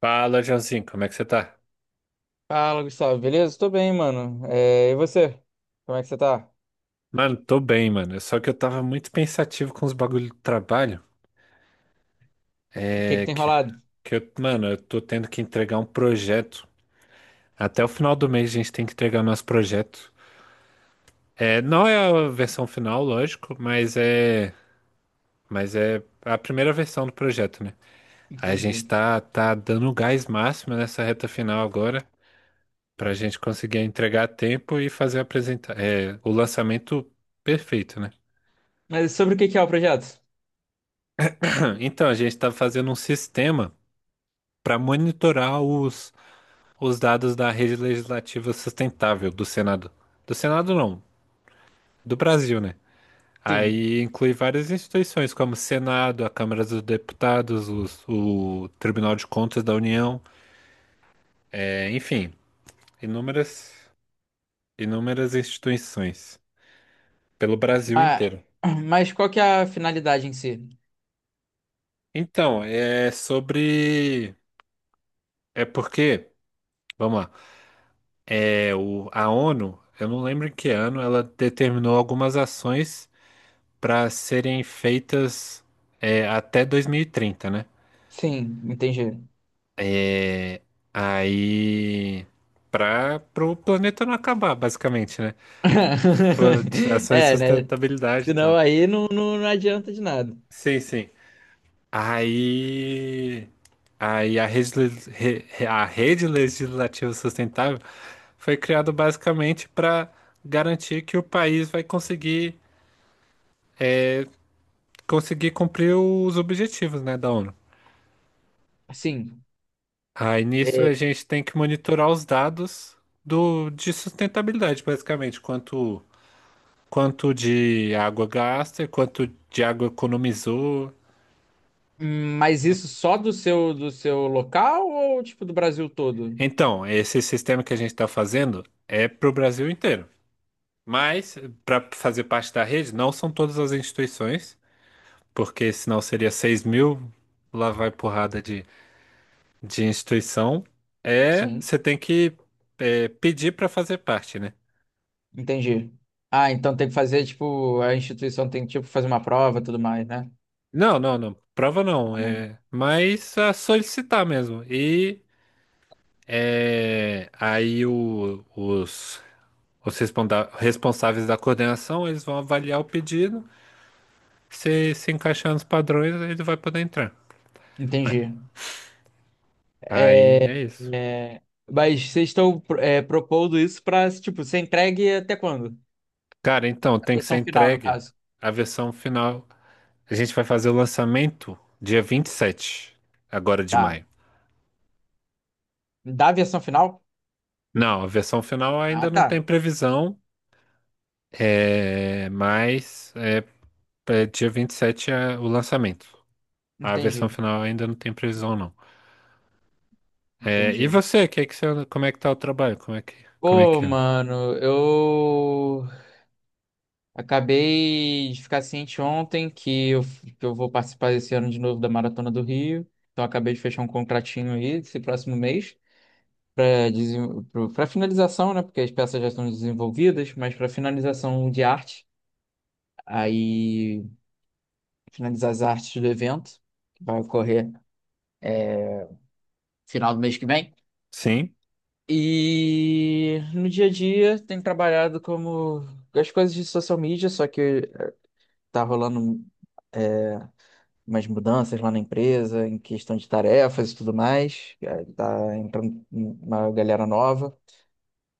Fala, Joãozinho, como é que você tá? Fala, Gustavo, beleza? Tô bem, mano. E você? Como é que você tá? Mano, tô bem, mano. Só que eu tava muito pensativo com os bagulho do trabalho. O que que É tem que, rolado? que eu, mano, eu tô tendo que entregar um projeto. Até o final do mês a gente tem que entregar o nosso projeto. Não é a versão final, lógico, mas é a primeira versão do projeto, né? Aí a gente Entendi. tá dando o gás máximo nessa reta final agora, pra gente conseguir entregar a tempo e fazer apresentar, o lançamento perfeito, né? Mas sobre o que que é o projeto? Então, a gente está fazendo um sistema para monitorar os dados da rede legislativa sustentável do Senado. Do Senado não, do Brasil, né? Sim. Aí inclui várias instituições como o Senado, a Câmara dos Deputados, o Tribunal de Contas da União, enfim, inúmeras, inúmeras instituições pelo Brasil Ah, inteiro. mas qual que é a finalidade em si? Então, é sobre. É porque, vamos lá. A ONU, eu não lembro em que ano, ela determinou algumas ações para serem feitas até 2030, né? Sim, entendi. Aí, para o planeta não acabar, basicamente, né? Ações de É, né? sustentabilidade e Senão tal. aí não adianta de nada. Sim, sim. Aí, aí a rede, le- re- re- a rede legislativa sustentável foi criada basicamente para garantir que o país vai conseguir cumprir os objetivos, né, da ONU. Sim. Aí nisso a É, gente tem que monitorar os dados de sustentabilidade, basicamente, quanto de água gasta, e quanto de água economizou. mas isso só do seu local ou tipo do Brasil todo? Então, esse sistema que a gente está fazendo é para o Brasil inteiro. Mas, para fazer parte da rede, não são todas as instituições, porque senão seria 6.000, lá vai porrada de instituição. É, Sim, você tem que pedir para fazer parte, né? entendi. Ah, então tem que fazer, tipo, a instituição tem que, tipo, fazer uma prova e tudo mais, né? Não, não, não. Prova não. É, mas a solicitar mesmo. E aí os responsáveis da coordenação, eles vão avaliar o pedido. Se se encaixar nos padrões, ele vai poder entrar. É, Entendi. Aí é isso. É, mas vocês estão propondo isso para, tipo, ser entregue até quando? Cara, então A tem que ser versão final, no entregue caso. a versão final. A gente vai fazer o lançamento dia 27, agora de Tá. maio. Da versão final? Não, a versão final Ah, ainda não tem tá. previsão, é, mas. é, dia 27 é o lançamento. A versão Entendi. final ainda não tem previsão, não. E Entendi. você, que é que você, como é que tá o trabalho? Como é que, como é Pô, que anda? mano, eu acabei de ficar ciente ontem que eu vou participar esse ano de novo da Maratona do Rio. Então, acabei de fechar um contratinho aí, esse próximo mês, para para finalização, né? Porque as peças já estão desenvolvidas, mas para finalização de arte. Aí finalizar as artes do evento, que vai ocorrer, é, final do mês que vem. Sim, E no dia a dia tenho trabalhado como as coisas de social media, só que tá rolando, é, umas mudanças lá na empresa, em questão de tarefas e tudo mais. Tá entrando uma galera nova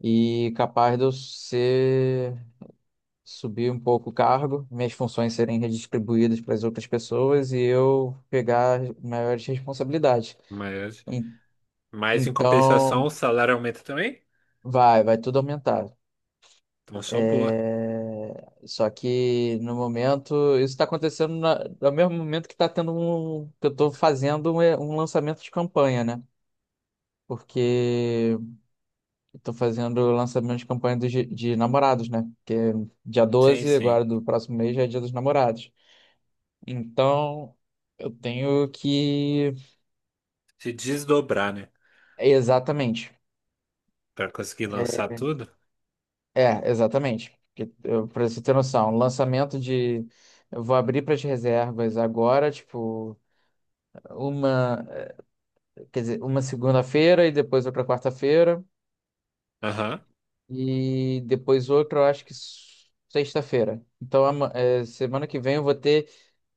e capaz de eu ser subir um pouco o cargo, minhas funções serem redistribuídas para as outras pessoas e eu pegar maiores responsabilidades. mas, En- mas em compensação o Então, salário aumenta também? vai tudo aumentar. Então só boa. Só que no momento, isso está acontecendo no mesmo momento que está tendo que eu estou fazendo um lançamento de campanha, né? Porque estou fazendo o lançamento de campanha dos de namorados, né? Porque dia Sim, 12 sim. agora do próximo mês, já é Dia dos Namorados. Então, eu tenho que. Se desdobrar, né? Exatamente. Pra conseguir lançar tudo. Exatamente. Porque pra você ter noção, um lançamento de. Eu vou abrir para as reservas agora, tipo, uma, quer dizer, uma segunda-feira e depois outra quarta-feira Aham, e depois outra, eu acho que sexta-feira. Então, semana que vem eu vou ter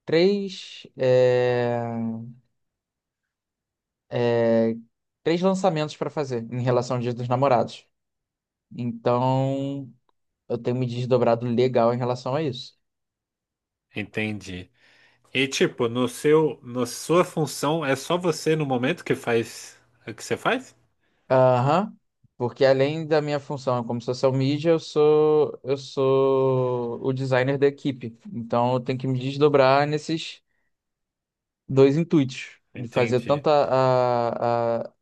três, eh, eh, três lançamentos para fazer em relação ao Dia dos Namorados. Então, eu tenho me desdobrado legal em relação a isso. entendi. E tipo, no seu, na sua função, é só você no momento que faz o que você faz? Aham. Porque além da minha função como social media, eu sou o designer da equipe. Então eu tenho que me desdobrar nesses dois intuitos, de fazer Entendi. tanto a, a-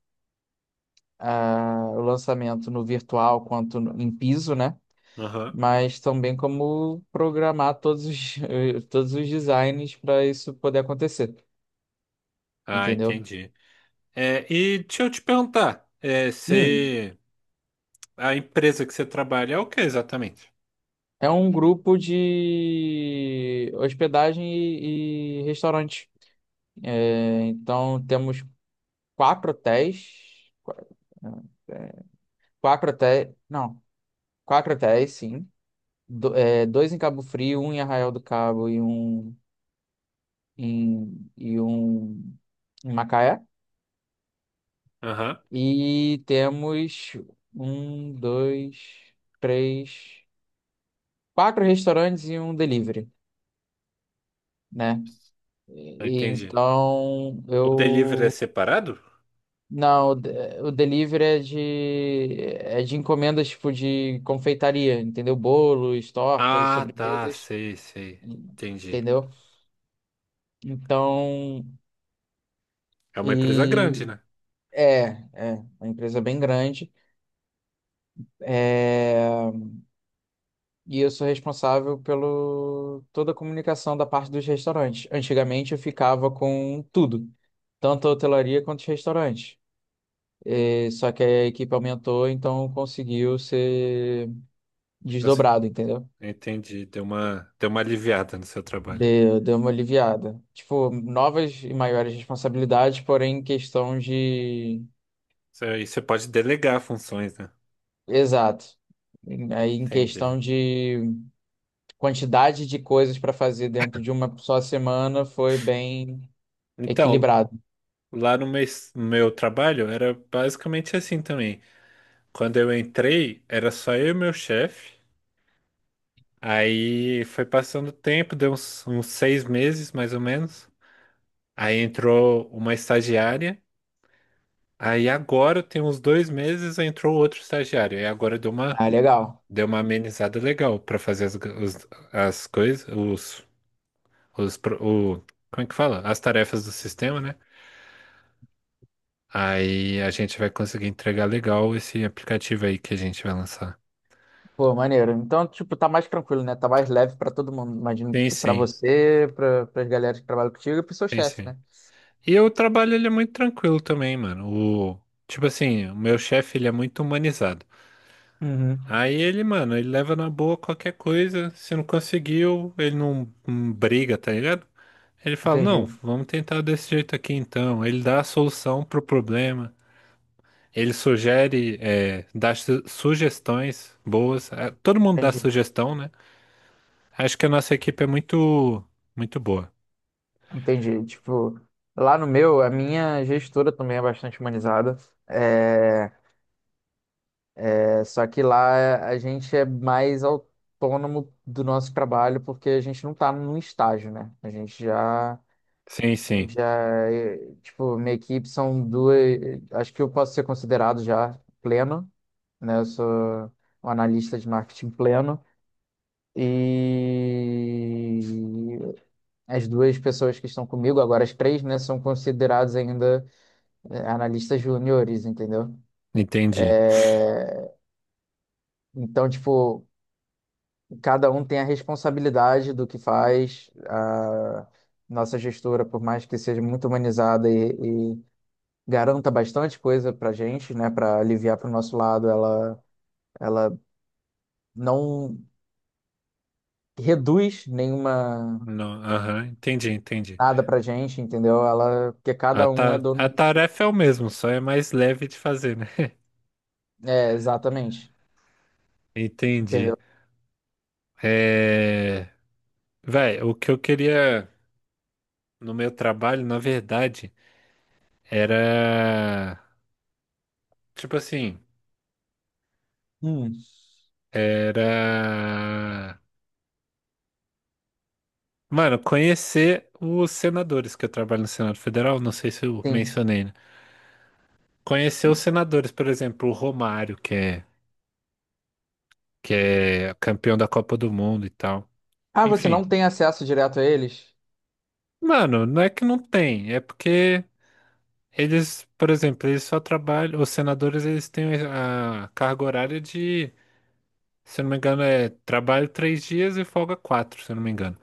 o lançamento no virtual quanto em piso, né? Aham. Mas também como programar todos os, todos os designs para isso poder acontecer, Ah, entendeu? entendi. E deixa eu te perguntar, se a empresa que você trabalha é o que exatamente? É um grupo de hospedagem e restaurante. Então temos quatro hotéis. É, Quatro hotéis. Não, quatro hotéis, sim. Dois em Cabo Frio, um em Arraial do Cabo e um em, e um em Macaé. Aham, E temos um, dois, três, quatro restaurantes e um delivery, né? E entendi. então O delivery é eu separado? não, o delivery é de encomendas tipo de confeitaria, entendeu? Bolos, tortas, Ah, tá, sobremesas, sei, sei. Entendi. entendeu? Então, É uma empresa grande, e né? é, é uma empresa bem grande. É, e eu sou responsável pelo toda a comunicação da parte dos restaurantes. Antigamente eu ficava com tudo, tanto a hotelaria quanto os restaurantes. Só que a equipe aumentou, então conseguiu ser Eu sei. desdobrado, entendeu? Entendi. Deu uma aliviada no seu trabalho. Deu uma aliviada. Tipo, novas e maiores responsabilidades, porém em questão de. E você pode delegar funções, né? Exato. Aí em Entendi. questão de quantidade de coisas para fazer dentro de uma só semana foi bem Então, equilibrado. lá no meu trabalho era basicamente assim também. Quando eu entrei, era só eu e meu chefe. Aí foi passando o tempo, deu uns 6 meses mais ou menos. Aí entrou uma estagiária. Aí agora tem uns 2 meses, entrou outro estagiário. E agora deu uma, Ah, legal. deu uma amenizada legal para fazer as coisas, os, pro- o, como é que fala? As tarefas do sistema, né? Aí a gente vai conseguir entregar legal esse aplicativo aí que a gente vai lançar. Pô, maneiro. Então, tipo, tá mais tranquilo, né? Tá mais leve para todo mundo. Imagino Sim, que pra sim, você, para as galera que trabalham contigo e pro seu sim, chefe, sim. né? E o trabalho ele é muito tranquilo também, mano. O, tipo assim, o meu chefe ele é muito humanizado. Uhum. Aí ele, mano, ele leva na boa qualquer coisa. Se não conseguiu, ele não, não briga, tá ligado? Ele fala, não, Entendi, vamos tentar desse jeito aqui então. Ele dá a solução pro problema. Ele sugere, dá sugestões boas. É, todo mundo dá entendi. sugestão, né? Acho que a nossa equipe é muito, muito boa. Entendi. Tipo, lá no meu, a minha gestora também é bastante humanizada. É, Só que lá a gente é mais autônomo do nosso trabalho porque a gente não está num estágio, né? A gente Sim, sim, já, é, tipo, minha equipe são duas. Acho que eu posso ser considerado já pleno, né? Eu sou um analista de marketing pleno. E as duas pessoas que estão comigo, agora as três, né, são consideradas ainda, analistas júniores, entendeu? entendi. Então, tipo, cada um tem a responsabilidade do que faz. A nossa gestora, por mais que seja muito humanizada e garanta bastante coisa pra gente, né, para aliviar pro nosso lado, ela não reduz nenhuma Não, aham, entendi, entendi. nada pra gente, entendeu? Ela, porque A, cada um é ta- dono. a tarefa é o mesmo, só é mais leve de fazer, né? Exatamente, Entendi. entendeu? É... Véi, o que eu queria no meu trabalho, na verdade, era. Tipo assim, Hum, era. Mano, conhecer os senadores, que eu trabalho no Senado Federal, não sei se eu sim. mencionei, né? Conhecer os senadores, por exemplo, o Romário, que é campeão da Copa do Mundo e tal. Ah, você não Enfim. tem acesso direto a eles? Mano, não é que não tem, é porque. Eles, por exemplo, eles só trabalham, os senadores eles têm a carga horária de, se eu não me engano, é trabalho 3 dias e folga quatro, se eu não me engano.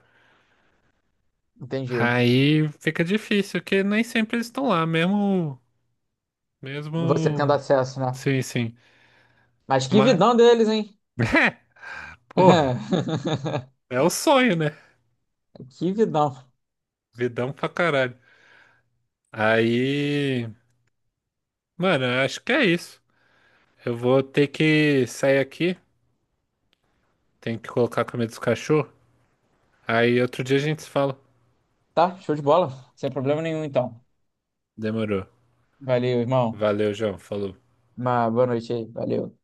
Entendi. Aí fica difícil, porque nem sempre eles estão lá, mesmo, Você tendo mesmo, acesso, né? sim, sim. Mas que Mas, vidão deles, hein? porra, é o sonho, né? Que vidão. Vidão pra caralho. Aí, mano, eu acho que é isso. Eu vou ter que sair aqui, tenho que colocar a comida dos cachorros. Aí outro dia a gente se fala. Tá, show de bola. Sem problema nenhum, então. Demorou. Valeu, irmão. Valeu, João. Falou. Uma boa noite aí. Valeu.